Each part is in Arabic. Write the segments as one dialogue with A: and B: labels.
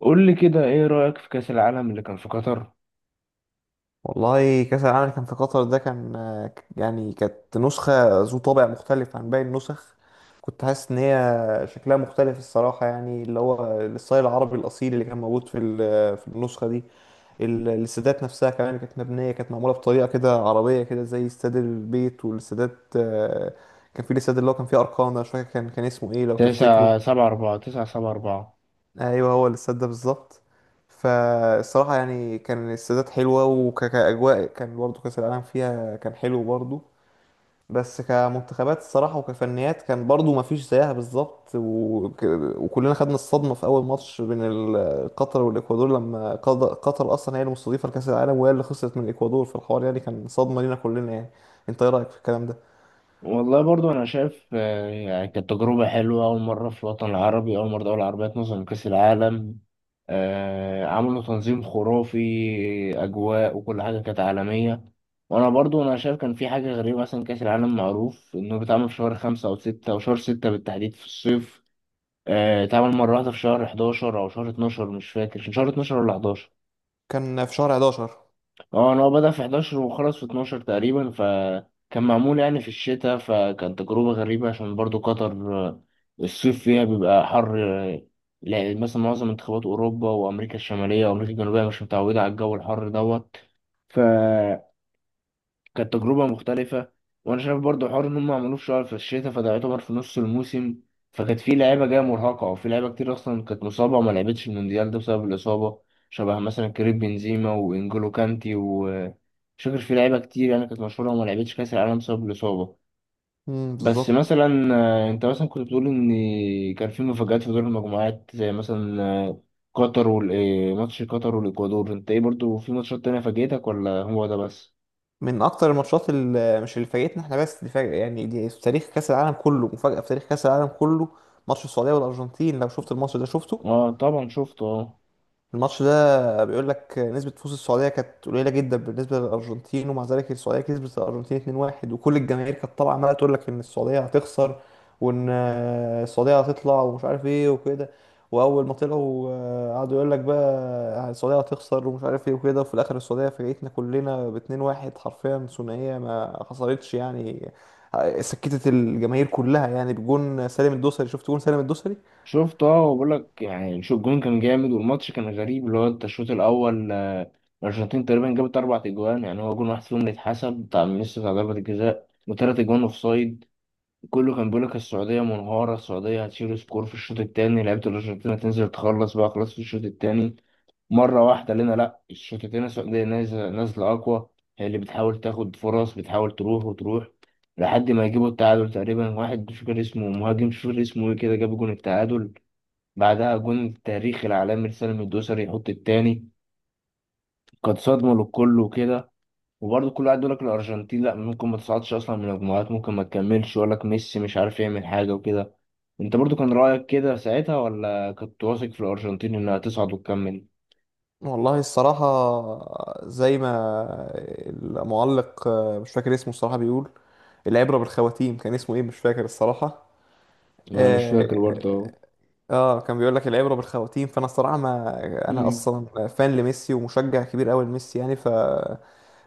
A: قول لي كده ايه رأيك في كأس العالم اللي كان في قطر؟
B: والله كأس العالم اللي كان في قطر ده كان يعني كانت نسخة ذو طابع مختلف عن باقي النسخ. كنت حاسس إن هي شكلها مختلف الصراحة، يعني اللي هو الستايل العربي الأصيل اللي كان موجود في النسخة دي. الاستادات نفسها كمان كانت مبنية، كانت معمولة بطريقة كده عربية كده زي استاد البيت والاستادات، كان في الاستاد اللي هو كان فيه أرقام ده، مش فاكر كان اسمه إيه لو تفتكره.
A: 9 7 4، 9 7 4.
B: ايوه، هو الاستاد ده بالظبط. فالصراحه يعني كان الاستادات حلوه، وكأجواء كان برضو كأس العالم فيها كان حلو برضو. بس كمنتخبات الصراحه وكفنيات كان برضو ما فيش زيها بالظبط، وكلنا خدنا الصدمه في اول ماتش بين قطر والاكوادور، لما قطر اصلا هي المستضيفه لكأس العالم وهي اللي خسرت من الاكوادور في الحوار، يعني كان صدمه لينا كلنا يعني. انت ايه رايك في الكلام ده؟
A: والله برضو انا شايف، يعني كانت تجربة حلوة. اول مرة في الوطن العربي، اول مرة دولة عربية تنظم كأس العالم. عملوا تنظيم خرافي. اجواء وكل حاجة كانت عالمية. وانا برضو انا شايف كان في حاجة غريبة، مثلا كأس العالم معروف انه بيتعمل في شهر خمسة او ستة، او شهر ستة بالتحديد في الصيف. اتعمل مرة واحدة في شهر 11 او شهر 12، مش فاكر كان شهر 12 ولا 11.
B: كان في شهر 11.
A: اه، انا هو بدأ في 11 وخلص في 12 تقريبا، فكان معمول يعني في الشتاء، فكان تجربة غريبة عشان برضو قطر آه، الصيف فيها بيبقى حر. آه، لا مثلا معظم منتخبات أوروبا وأمريكا الشمالية وأمريكا الجنوبية مش متعودة على الجو الحر دوت. كانت تجربة مختلفة. وأنا شايف برضو حوار إن هم عملوه في شهر، في الشتاء، فده يعتبر في نص الموسم. فكانت في لعيبة جاية مرهقة، وفي لعيبة كتير أصلا كانت مصابة وما لعبتش المونديال ده بسبب الإصابة، شبه مثلا كريم بنزيما وإنجولو كانتي و مش فاكر، في لعيبة كتير يعني كانت مشهورة وما لعبتش كأس العالم بسبب الإصابة.
B: امم،
A: بس
B: بالظبط.
A: مثلا أنت مثلا كنت بتقول إن كان في مفاجآت في دور المجموعات، زي مثلا آه، قطر وال آه، ماتش قطر والإكوادور. أنت إيه برضو، في ماتشات تانية فاجأتك ولا هو ده بس؟
B: من اكتر الماتشات اللي مش اللي فاجئتنا احنا بس دي، فاجئة يعني دي في تاريخ كاس العالم كله، مفاجاه في تاريخ كاس العالم كله. ماتش السعوديه والارجنتين، لو شفت الماتش ده شفته.
A: اه طبعا شفته، اه.
B: الماتش ده بيقول لك نسبة فوز السعودية كانت قليلة جدا بالنسبة للأرجنتين، ومع ذلك السعودية كسبت الأرجنتين 2-1. وكل الجماهير كانت طالعة عمالة تقول لك إن السعودية هتخسر، وإن السعودية هتطلع ومش عارف إيه وكده. وأول ما طلعوا، قعدوا يقول لك بقى السعودية هتخسر ومش عارف إيه وكده، وفي الآخر السعودية فاجئتنا كلنا ب 2-1 حرفيا، ثنائية ما خسرتش يعني. سكتت الجماهير كلها يعني بجون سالم الدوسري. شفت جون سالم الدوسري؟
A: شفت، اه، وبقول لك يعني شو الجون كان جامد، والماتش كان غريب. اللي هو انت الشوط الاول الارجنتين تقريبا جابت اربع اجوان، يعني هو جون واحد فيهم اللي اتحسب بتاع ميسي، بتاع ضربة الجزاء، وثلاث اجوان اوف سايد. كله كان بيقول لك السعودية منهارة، السعودية هتشيل سكور في الشوط التاني، لعيبة الارجنتين هتنزل تخلص بقى، خلاص في الشوط التاني. مرة واحدة لنا، لا، الشوط التاني السعودية نازلة نازلة اقوى، هي اللي بتحاول تاخد فرص، بتحاول تروح وتروح، لحد ما يجيبوا التعادل. تقريبا واحد مش فاكر اسمه، مهاجم مش فاكر اسمه ايه كده، جاب جون التعادل، بعدها جون التاريخ العالمي لسالم الدوسري يحط التاني. كانت صدمة للكل وكده. وبرضه كل واحد يقول لك الأرجنتين لأ، ممكن ما تصعدش أصلا من المجموعات، ممكن ما تكملش، يقول لك ميسي مش عارف يعمل حاجة وكده. أنت برضه كان رأيك كده ساعتها ولا كنت واثق في الأرجنتين إنها تصعد وتكمل؟
B: والله الصراحة، زي ما المعلق، مش فاكر اسمه الصراحة، بيقول العبرة بالخواتيم. كان اسمه ايه؟ مش فاكر الصراحة.
A: أنا مش
B: آه
A: فاكر برضه.
B: كان بيقول لك العبرة بالخواتيم، فأنا الصراحة ما، أنا أصلا فان لميسي ومشجع كبير أوي لميسي يعني.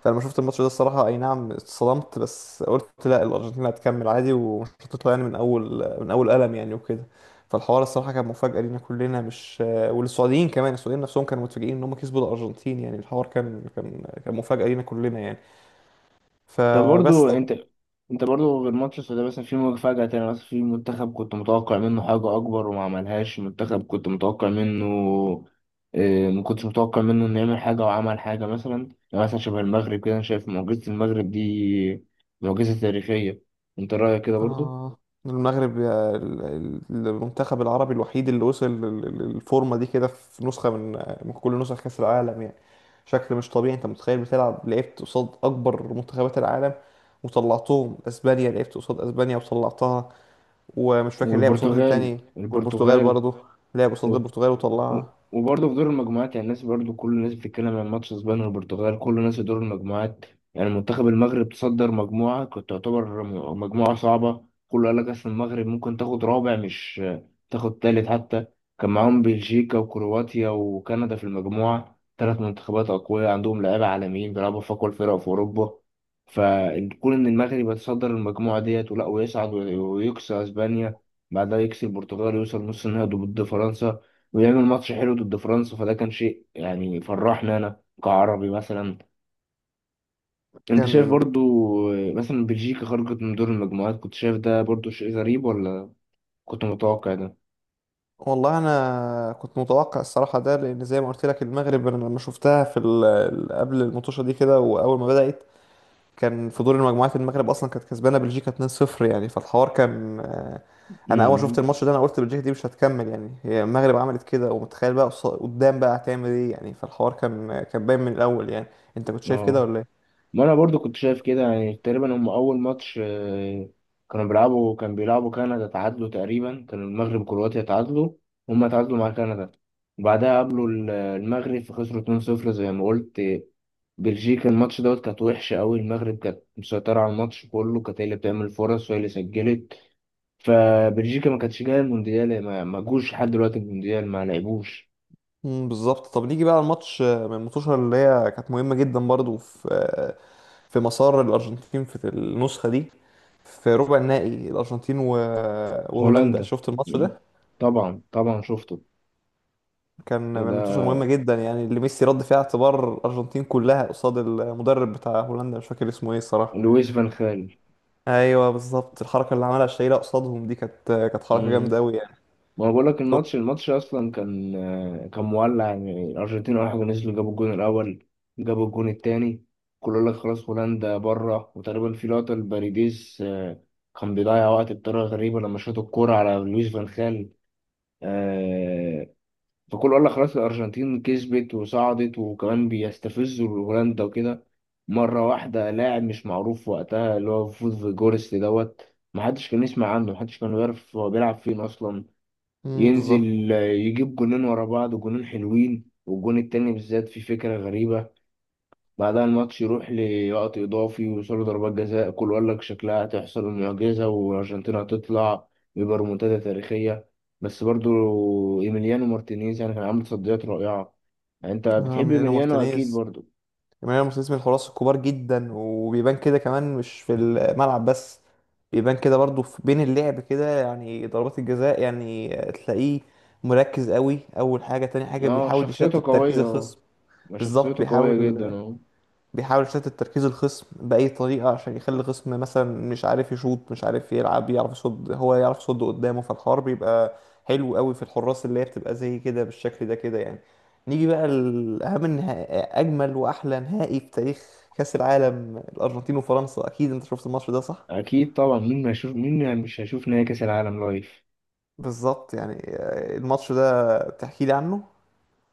B: فلما شفت الماتش ده الصراحة، أي نعم اتصدمت، بس قلت لا، الأرجنتين هتكمل عادي ومش هتطلع يعني، من أول قلم يعني وكده. فالحوار الصراحة كان مفاجأة لينا كلنا، مش، والسعوديين كمان السعوديين نفسهم كانوا متفاجئين إن هم كسبوا الأرجنتين، يعني الحوار كان مفاجأة لينا كلنا يعني
A: ده
B: فبس.
A: برضو انت برضو، غير ماتش السودان، مثلا في مفاجأة تانية، مثلا في منتخب كنت متوقع منه حاجة أكبر وما عملهاش، منتخب كنت متوقع منه اه، ما كنتش متوقع منه إنه يعمل حاجة وعمل حاجة مثلا. يعني مثلا شبه المغرب كده، أنا شايف معجزة المغرب دي معجزة تاريخية. أنت رأيك كده برضو؟
B: آه المغرب، المنتخب العربي الوحيد اللي وصل للفورمة دي كده في نسخة من كل نسخ كأس العالم يعني. شكل مش طبيعي، انت متخيل، بتلعب لعبت قصاد أكبر منتخبات العالم وطلعتهم. اسبانيا، لعبت قصاد اسبانيا وطلعتها، ومش فاكر لعب قصاد مين
A: والبرتغال،
B: تاني. والبرتغال
A: البرتغال،
B: برضه، لعب قصاد البرتغال
A: و-
B: وطلعها.
A: وبرضه في دور المجموعات، يعني الناس برضه كل الناس بتتكلم عن ماتش اسبانيا والبرتغال، كل الناس. في دور المجموعات يعني منتخب المغرب تصدر مجموعة كانت تعتبر مجموعة صعبة. كله قال لك اصل المغرب ممكن تاخد رابع، مش تاخد تالت حتى. كان معاهم بلجيكا وكرواتيا وكندا في المجموعة، ثلاث منتخبات أقوياء عندهم لعيبة عالميين بيلعبوا في أقوى الفرق في أوروبا. فكون إن المغرب يتصدر المجموعة ديت ولا، ويصعد ويكسر أسبانيا، بعدها يكسب البرتغال ويوصل نص النهائي ضد فرنسا، ويعمل ماتش حلو ضد فرنسا، فده كان شيء يعني فرحنا انا كعربي مثلا. انت شايف
B: كان
A: برضو مثلا بلجيكا خرجت من دور المجموعات، كنت شايف ده برضو شيء غريب، ولا كنت متوقع ده؟
B: والله انا كنت متوقع الصراحه ده، لان زي ما قلت لك المغرب، انا لما شفتها في قبل المطوشه دي كده واول ما بدات، كان في دور المجموعات المغرب اصلا كانت كسبانه بلجيكا 2-0 يعني، فالحوار كان. انا اول ما شفت
A: امم،
B: الماتش ده انا قلت بلجيكا دي مش هتكمل يعني، هي المغرب عملت كده، ومتخيل بقى قدام بقى هتعمل ايه يعني، فالحوار كان باين من الاول يعني. انت كنت شايف كده
A: اه.
B: ولا ايه؟
A: ما انا برضو كنت شايف كده يعني، تقريبا هم اول ماتش آه، كانوا بيلعبوا كان بيلعبوا كندا، تعادلوا، تقريبا كان المغرب وكرواتيا تعادلوا، هم تعادلوا مع كندا، وبعدها قابلوا المغرب فخسروا 2-0 زي ما قلت. بلجيكا الماتش دوت كانت وحشة أوي، المغرب كانت مسيطرة على الماتش كله، كانت هي اللي بتعمل فرص وهي اللي سجلت. فبلجيكا ما كانتش جاية المونديال، ما جوش لحد دلوقتي المونديال ما لعبوش.
B: مم، بالظبط. طب نيجي بقى الماتش من الماتشات اللي هي كانت مهمه جدا برضو في مسار الارجنتين في النسخه دي، في ربع النهائي الارجنتين وهولندا.
A: هولندا،
B: شفت الماتش
A: مم.
B: ده؟
A: طبعا طبعا شفته.
B: كان من الماتشات
A: ده
B: المهمة جدا يعني، اللي ميسي رد فيها اعتبار الأرجنتين كلها قصاد المدرب بتاع هولندا، مش فاكر اسمه ايه الصراحة.
A: لويس فان خال.
B: ايوه بالظبط، الحركة اللي عملها شايلة قصادهم دي كانت حركة جامدة قوي يعني.
A: ما بقول لك
B: شوف.
A: الماتش، الماتش اصلا كان كان مولع يعني، الارجنتين اول حاجه نزلوا جابوا الجون الاول، جابوا الجون التاني. كله يقول لك خلاص هولندا بره، وتقريبا في لقطه الباريديس كان بيضيع وقت بطريقه غريبه لما شاط الكوره على لويس فان خال آه، فكله قال لك خلاص الارجنتين كسبت وصعدت، وكمان بيستفزوا هولندا وكده. مره واحده لاعب مش معروف وقتها، اللي هو فوز فيجورست دوت، محدش كان يسمع عنه، محدش كان يعرف هو بيلعب فين اصلا،
B: امم، بالظبط.
A: ينزل يجيب جونين ورا بعض وجونين حلوين، والجون التاني بالذات فيه فكرة غريبة. بعدها الماتش يروح لوقت إضافي ويوصلوا ضربات جزاء، كل يقول لك شكلها هتحصل المعجزة والأرجنتين هتطلع ويبقى ريمونتادا تاريخية. بس برضو إيميليانو مارتينيز يعني كان عامل تصديات رائعة، يعني أنت
B: آه،
A: بتحب
B: ميلينا
A: إيميليانو أكيد
B: مارتينيز.
A: برضو.
B: ميلينا مارتينيز من الحراس الكبار جدا، وبيبان كده كمان مش في الملعب بس، بيبان كده برضو في بين اللعب كده يعني. ضربات الجزاء يعني تلاقيه مركز قوي اول حاجة، تاني حاجة
A: أه،
B: بيحاول يشتت
A: شخصيته
B: تركيز
A: قوية، أه.
B: الخصم.
A: ما
B: بالظبط،
A: شخصيته قوية جدا،
B: بيحاول
A: أه.
B: بيحاول يشتت تركيز الخصم بأي طريقة، عشان يخلي الخصم مثلا مش عارف يشوط، مش عارف يلعب، يعرف يصد، هو يعرف يصد قدامه، فالحوار بيبقى حلو قوي في الحراس اللي هي بتبقى زي كده بالشكل ده كده يعني. نيجي بقى لأهم أجمل وأحلى نهائي في تاريخ كأس العالم، الأرجنتين وفرنسا. أكيد أنت شفت الماتش ده صح؟
A: أكيد طبعا، مين ما يشوف، مين مش هيشوف نهائي كأس العالم لايف؟
B: بالظبط، يعني الماتش ده تحكي لي عنه؟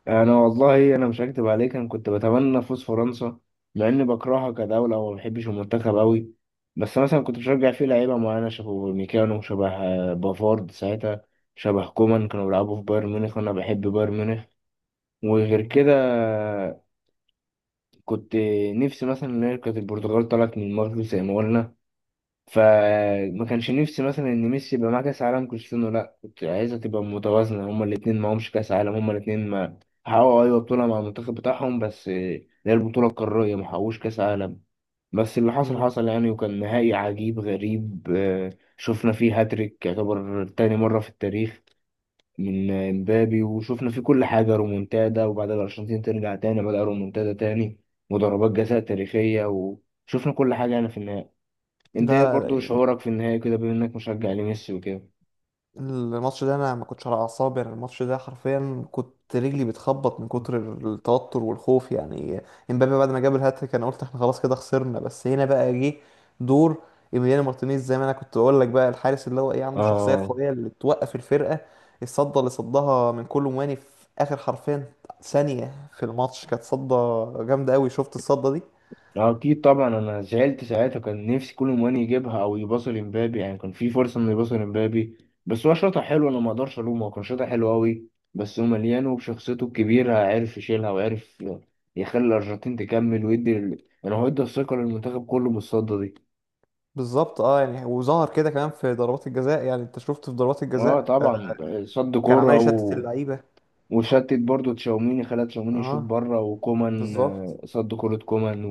A: انا والله انا مش هكدب عليك، انا كنت بتمنى فوز فرنسا، مع اني بكرهها كدوله وما بحبش المنتخب قوي. بس مثلا كنت بشجع فيه لعيبه معينه، شبه ميكانو، شبه بافارد ساعتها، شبه كومان. كانوا بيلعبوا في بايرن ميونخ وانا بحب بايرن ميونخ، وغير
B: مم.
A: كده كنت نفسي مثلا ان هي كانت البرتغال طلعت من المغرب زي ما قلنا، فما كانش نفسي مثلا ان ميسي يبقى معاه كاس عالم، كريستيانو لا. كنت عايزها تبقى متوازنه، هما الاثنين معهمش كاس عالم، هما الاثنين ما حققوا، ايوه بطوله مع المنتخب بتاعهم، بس اللي هي البطوله القاريه، ما حققوش كاس عالم. بس اللي حصل
B: مم.
A: حصل يعني، وكان نهائي عجيب غريب شفنا فيه هاتريك يعتبر تاني مره في التاريخ، من مبابي، وشفنا فيه كل حاجه، رومونتادا، وبعد الارجنتين ترجع تاني بدأ رومونتادا تاني، وضربات جزاء تاريخيه، وشفنا كل حاجه يعني في النهائي. انت ايه برضو
B: لا،
A: شعورك في النهاية كده، بما انك مشجع لميسي وكده؟
B: الماتش ده انا ما كنتش على اعصابي، انا الماتش ده حرفيا كنت رجلي بتخبط من كتر التوتر والخوف يعني. امبابي بعد ما جاب الهاتريك انا قلت احنا خلاص كده خسرنا، بس هنا بقى جه دور ايميليانو مارتينيز زي ما انا كنت بقول لك، بقى الحارس اللي هو ايه، عنده شخصيه
A: اه،
B: قويه اللي توقف الفرقه. الصده اللي صدها من كولو مواني في اخر حرفيا ثانيه في الماتش، كانت صده جامده قوي. شفت الصده دي؟
A: اكيد طبعا انا زعلت ساعتها، كان نفسي كل مواني يجيبها او يباصي لمبابي، يعني كان في فرصة انه يباصي لمبابي، بس هو شاطر حلو، انا ما اقدرش الومه، هو كان شاطر حلو قوي. بس هو مليان وبشخصيته الكبيرة عرف يشيلها، وعرف يخلي الارجنتين تكمل، ويدي ال... يعني هو ادى الثقة للمنتخب كله بالصدة دي.
B: بالظبط اه، يعني وظهر كده كمان في ضربات الجزاء، يعني انت شفت في ضربات
A: اه
B: الجزاء،
A: طبعا، صد
B: كان عمال
A: كورة
B: يشتت
A: و...
B: اللعيبه.
A: وشتت برضو تشاوميني، خلى تشاوميني يشوط
B: اه،
A: بره، وكومان
B: بالظبط.
A: صد كورة كومان.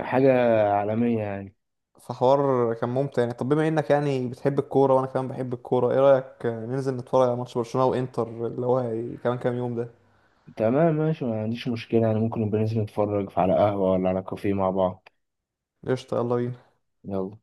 A: حاجة عالمية يعني.
B: فحوار كان ممتع يعني. طب بما انك يعني بتحب الكوره وانا كمان بحب الكوره، ايه رايك ننزل نتفرج على ماتش برشلونه وانتر اللي هو كمان كام يوم ده؟
A: تمام ماشي، ما عنديش مشكلة، يعني ممكن نبقى ننزل نتفرج على قهوة ولا على كافيه مع بعض.
B: قشطه، يلا بينا.
A: يلا.